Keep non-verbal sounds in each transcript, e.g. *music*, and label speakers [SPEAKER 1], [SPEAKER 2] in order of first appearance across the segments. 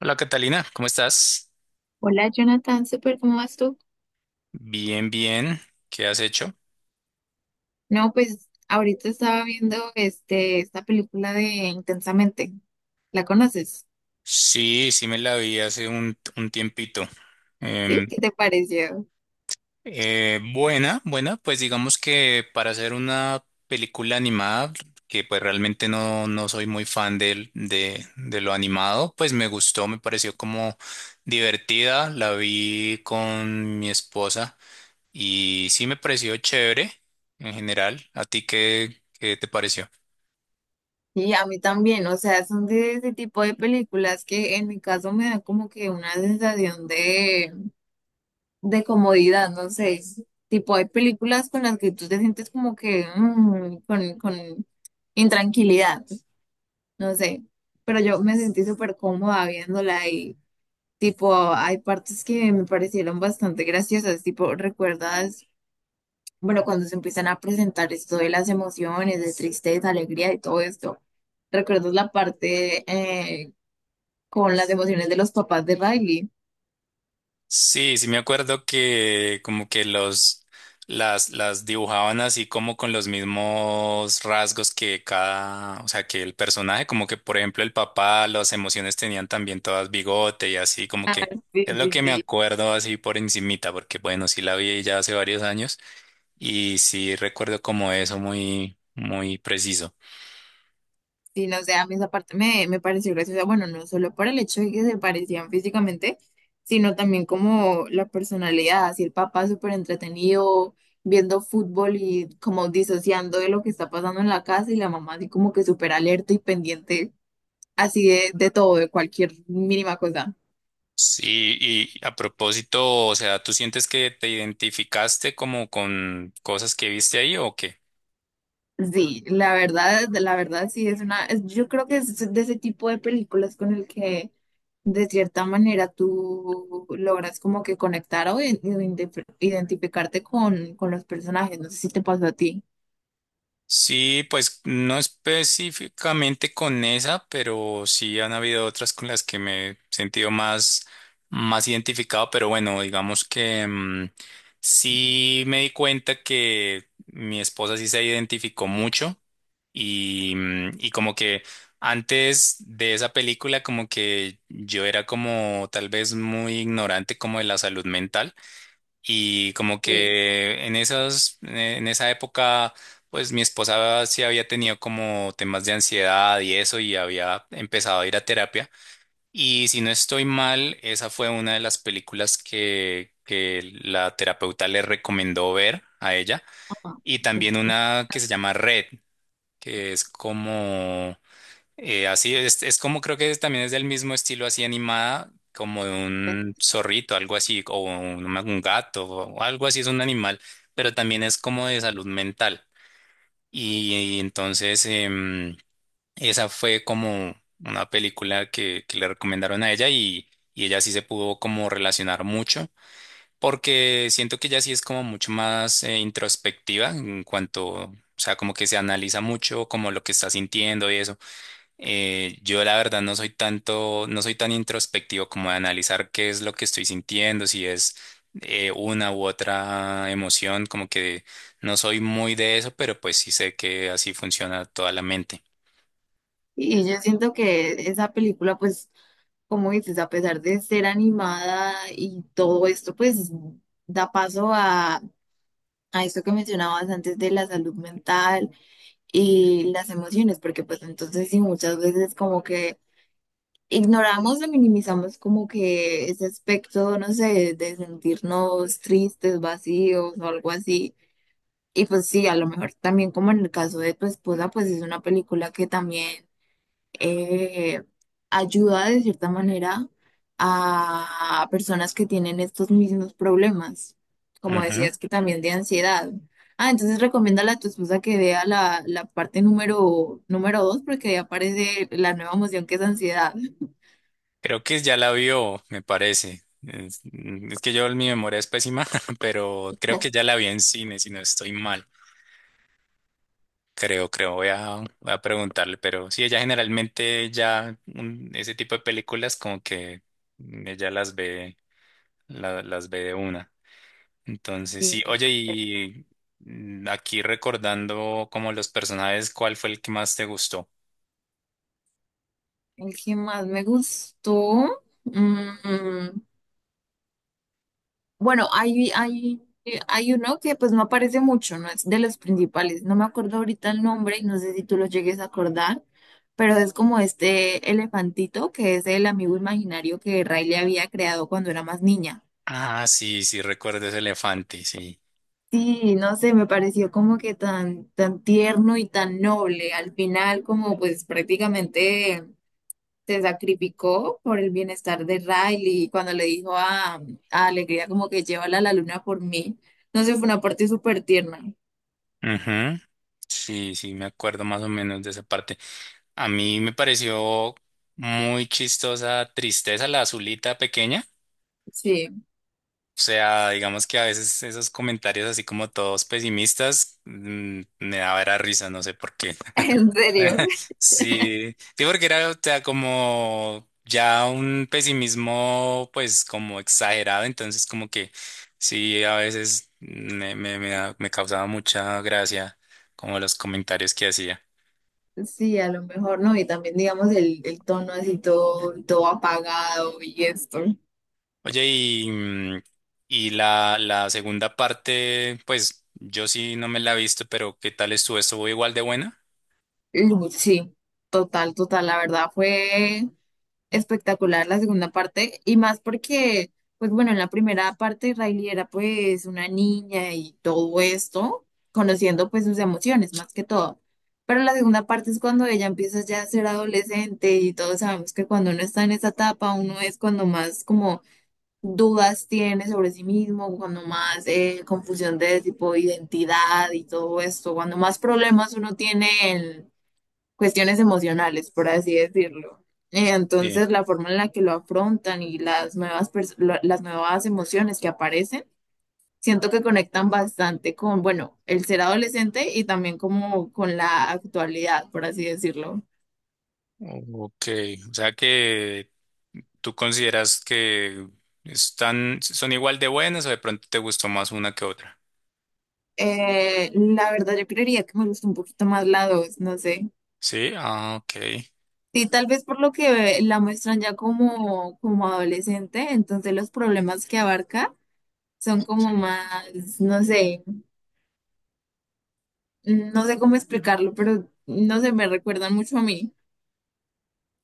[SPEAKER 1] Hola Catalina, ¿cómo estás?
[SPEAKER 2] Hola Jonathan, súper, ¿cómo vas tú?
[SPEAKER 1] Bien, bien. ¿Qué has hecho?
[SPEAKER 2] No, pues ahorita estaba viendo esta película de Intensamente. ¿La conoces?
[SPEAKER 1] Sí, sí me la vi hace un tiempito.
[SPEAKER 2] ¿Sí?
[SPEAKER 1] Em,
[SPEAKER 2] ¿Qué te pareció?
[SPEAKER 1] Buena, buena, pues digamos que para hacer una película animada, que pues realmente no soy muy fan de lo animado, pues me gustó, me pareció como divertida, la vi con mi esposa y sí me pareció chévere en general. ¿A ti qué te pareció?
[SPEAKER 2] Y a mí también, o sea, son de ese tipo de películas que en mi caso me da como que una sensación de comodidad, no sé, es tipo hay películas con las que tú te sientes como que con intranquilidad, no sé, pero yo me sentí súper cómoda viéndola. Tipo, hay partes que me parecieron bastante graciosas, tipo, ¿recuerdas? Bueno, cuando se empiezan a presentar esto de las emociones, de tristeza, alegría y todo esto, ¿recuerdas la parte con las emociones de los papás de Riley?
[SPEAKER 1] Sí, sí me acuerdo que como que los las dibujaban así como con los mismos rasgos que cada, o sea, que el personaje, como que por ejemplo el papá, las emociones tenían también todas bigote y así como que
[SPEAKER 2] Sí,
[SPEAKER 1] es lo
[SPEAKER 2] sí,
[SPEAKER 1] que me
[SPEAKER 2] sí.
[SPEAKER 1] acuerdo así por encimita, porque bueno, sí la vi ya hace varios años y sí recuerdo como eso muy muy preciso.
[SPEAKER 2] Sí, no, o sea, a mí esa parte me pareció graciosa, bueno, no solo por el hecho de que se parecían físicamente, sino también como la personalidad, así el papá súper entretenido viendo fútbol y como disociando de lo que está pasando en la casa y la mamá así como que súper alerta y pendiente así de todo, de cualquier mínima cosa.
[SPEAKER 1] Sí, y a propósito, o sea, ¿tú sientes que te identificaste como con cosas que viste ahí o qué?
[SPEAKER 2] Sí, la verdad sí yo creo que es de ese tipo de películas con el que de cierta manera tú logras como que conectar o identificarte con los personajes. No sé si te pasó a ti.
[SPEAKER 1] Sí, pues no específicamente con esa, pero sí han habido otras con las que me he sentido más, más identificado, pero bueno, digamos que sí me di cuenta que mi esposa sí se identificó mucho y, y como que antes de esa película como que yo era como tal vez muy ignorante como de la salud mental. Y como
[SPEAKER 2] Sí.
[SPEAKER 1] que en esa época, pues mi esposa sí había tenido como temas de ansiedad y eso, y había empezado a ir a terapia. Y si no estoy mal, esa fue una de las películas que la terapeuta le recomendó ver a ella.
[SPEAKER 2] Ajá.
[SPEAKER 1] Y
[SPEAKER 2] Ok.
[SPEAKER 1] también una que se llama Red, que es como así es como creo que también es del mismo estilo así animada, como de un zorrito, algo así, o un gato, o algo así, es un animal, pero también es como de salud mental. Y entonces esa fue como una película que le recomendaron a ella y ella sí se pudo como relacionar mucho, porque siento que ella sí es como mucho más introspectiva en cuanto, o sea, como que se analiza mucho como lo que está sintiendo y eso. Yo la verdad no soy tanto, no soy tan introspectivo como de analizar qué es lo que estoy sintiendo, si es una u otra emoción, como que no soy muy de eso, pero pues sí sé que así funciona toda la mente.
[SPEAKER 2] Y yo siento que esa película, pues, como dices, a pesar de ser animada y todo esto, pues da paso a esto que mencionabas antes de la salud mental y las emociones, porque pues entonces sí, muchas veces como que ignoramos o minimizamos como que ese aspecto, no sé, de sentirnos tristes, vacíos o algo así. Y pues sí, a lo mejor también como en el caso de tu esposa, pues es una película que también eh, ayuda de cierta manera a personas que tienen estos mismos problemas, como
[SPEAKER 1] Ujú.
[SPEAKER 2] decías que también de ansiedad. Ah, entonces recomiéndale a tu esposa que vea la parte número dos porque ahí aparece la nueva emoción que es ansiedad.
[SPEAKER 1] Creo que ya la vio, me parece. Es que yo mi memoria es pésima, *laughs* pero creo que ya la vi en cine, si no estoy mal. Creo, creo, voy a preguntarle, pero sí, ella generalmente ya ese tipo de películas como que ella las ve, las ve de una. Entonces,
[SPEAKER 2] Sí.
[SPEAKER 1] sí, oye, y aquí recordando como los personajes, ¿cuál fue el que más te gustó?
[SPEAKER 2] El que más me gustó. Bueno, hay uno que pues no aparece mucho, no es de los principales. No me acuerdo ahorita el nombre y no sé si tú lo llegues a acordar, pero es como este elefantito que es el amigo imaginario que Ray le había creado cuando era más niña.
[SPEAKER 1] Ah, sí, sí, recuerdo ese elefante, sí.
[SPEAKER 2] Sí, no sé, me pareció como que tan tierno y tan noble. Al final, como pues prácticamente se sacrificó por el bienestar de Riley y cuando le dijo a Alegría como que llévala a la luna por mí. No sé, fue una parte súper tierna.
[SPEAKER 1] Ujú. Sí, sí, me acuerdo más o menos de esa parte. A mí me pareció muy chistosa, tristeza, la azulita pequeña.
[SPEAKER 2] Sí,
[SPEAKER 1] O sea, digamos que a veces esos comentarios así como todos pesimistas me daba era risa, no sé por qué.
[SPEAKER 2] *laughs* en serio.
[SPEAKER 1] *laughs* Sí, sí, porque era, o sea, como ya un pesimismo pues como exagerado, entonces como que sí, a veces me causaba mucha gracia como los comentarios que hacía.
[SPEAKER 2] Sí, a lo mejor no. Y también, digamos, el tono así todo, todo apagado y esto.
[SPEAKER 1] Oye, y, y la segunda parte, pues yo sí no me la he visto, pero ¿qué tal estuvo? ¿Estuvo igual de buena?
[SPEAKER 2] Sí, total, total. La verdad fue espectacular la segunda parte y más porque, pues bueno, en la primera parte Riley era pues una niña y todo esto, conociendo pues sus emociones más que todo. Pero la segunda parte es cuando ella empieza ya a ser adolescente y todos sabemos que cuando uno está en esa etapa, uno es cuando más como dudas tiene sobre sí mismo, cuando más confusión de tipo identidad y todo esto, cuando más problemas uno tiene en cuestiones emocionales, por así decirlo. Eh,
[SPEAKER 1] Sí.
[SPEAKER 2] Entonces, la forma en la que lo afrontan y las las nuevas emociones que aparecen, siento que conectan bastante con, bueno, el ser adolescente y también como con la actualidad, por así decirlo.
[SPEAKER 1] Ok, o sea que tú consideras que están, son igual de buenas o de pronto te gustó más una que otra.
[SPEAKER 2] La verdad, yo creería que me gusta un poquito más la 2, no sé.
[SPEAKER 1] Sí, ah, ok.
[SPEAKER 2] Sí, tal vez por lo que la muestran ya como adolescente, entonces los problemas que abarca son como
[SPEAKER 1] Sí.
[SPEAKER 2] más, no sé. No sé cómo explicarlo, pero no sé, me recuerdan mucho a mí.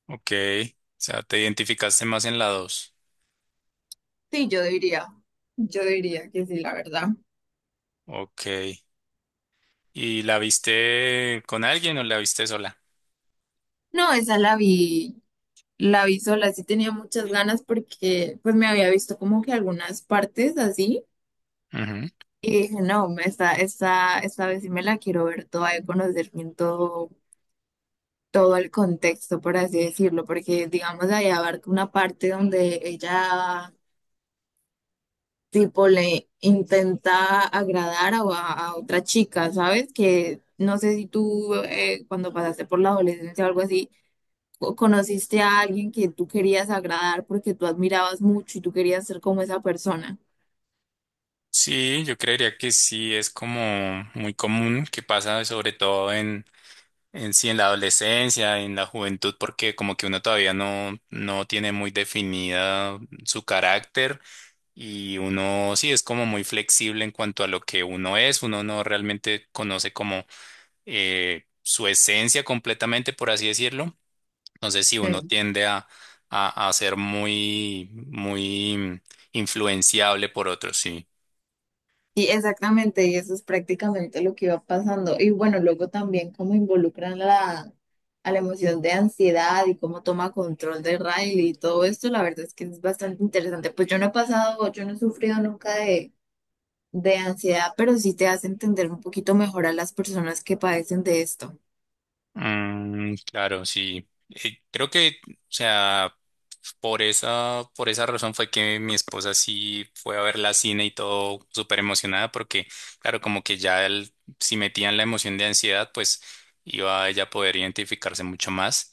[SPEAKER 1] Ok, o sea, te identificaste más en la dos.
[SPEAKER 2] Sí, yo diría que sí, la verdad.
[SPEAKER 1] Ok, ¿y la viste con alguien o la viste sola?
[SPEAKER 2] No, esa la vi sola, sí tenía muchas ganas porque pues me había visto como que algunas partes así
[SPEAKER 1] Ujú.
[SPEAKER 2] y dije, no, esta vez sí me la quiero ver toda y conocer bien todo, todo el contexto, por así decirlo, porque digamos ahí abarca una parte donde ella tipo le intenta agradar a otra chica, ¿sabes? Que no sé si tú cuando pasaste por la adolescencia o algo así, conociste a alguien que tú querías agradar porque tú admirabas mucho y tú querías ser como esa persona.
[SPEAKER 1] Sí, yo creería que sí, es como muy común que pasa sobre todo en sí, en la adolescencia, en la juventud, porque como que uno todavía no, no tiene muy definida su carácter y uno sí es como muy flexible en cuanto a lo que uno es, uno no realmente conoce como su esencia completamente, por así decirlo. Entonces, sí, uno
[SPEAKER 2] Sí.
[SPEAKER 1] tiende a ser muy influenciable por otros, sí.
[SPEAKER 2] Sí, exactamente, y eso es prácticamente lo que iba pasando. Y bueno, luego también cómo involucran a la emoción de ansiedad y cómo toma control de Riley y todo esto, la verdad es que es bastante interesante. Pues yo no he pasado, yo no he sufrido nunca de de ansiedad, pero sí te hace entender un poquito mejor a las personas que padecen de esto.
[SPEAKER 1] Mm, claro, sí. Creo que, o sea, por esa razón fue que mi esposa sí fue a ver la cine y todo súper emocionada, porque, claro, como que ya si metían la emoción de ansiedad, pues iba a ella a poder identificarse mucho más.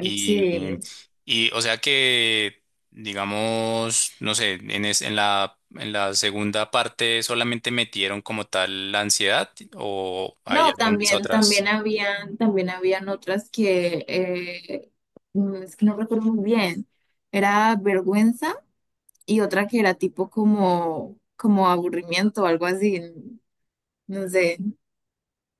[SPEAKER 1] Y,
[SPEAKER 2] Sí.
[SPEAKER 1] y o sea que, digamos, no sé, en la segunda parte solamente metieron como tal la ansiedad o hay
[SPEAKER 2] No,
[SPEAKER 1] algunas
[SPEAKER 2] también,
[SPEAKER 1] otras.
[SPEAKER 2] también habían otras que es que no recuerdo muy bien. Era vergüenza y otra que era tipo como, como aburrimiento o algo así. No sé.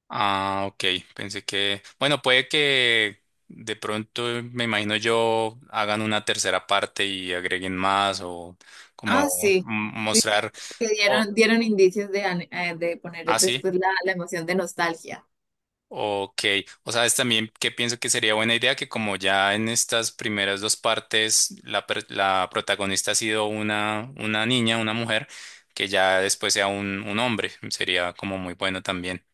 [SPEAKER 1] Ah, ok. Pensé que, bueno, puede que de pronto, me imagino yo, hagan una tercera parte y agreguen más o como
[SPEAKER 2] Ah, sí,
[SPEAKER 1] mostrar.
[SPEAKER 2] que
[SPEAKER 1] O,
[SPEAKER 2] dieron, dieron indicios de, de poner
[SPEAKER 1] ah, sí.
[SPEAKER 2] después la emoción de nostalgia.
[SPEAKER 1] Ok. O sabes también que pienso que sería buena idea que como ya en estas primeras dos partes la protagonista ha sido una niña, una mujer, que ya después sea un hombre. Sería como muy bueno también.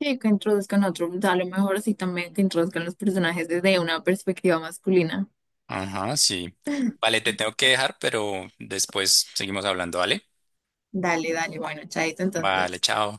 [SPEAKER 2] Sí, que introduzcan otro, a lo mejor sí también que introduzcan los personajes desde una perspectiva masculina.
[SPEAKER 1] Ajá, sí. Vale, te tengo que dejar, pero después seguimos hablando, ¿vale?
[SPEAKER 2] Dale, dale, bueno, chaito
[SPEAKER 1] Vale,
[SPEAKER 2] entonces.
[SPEAKER 1] chao.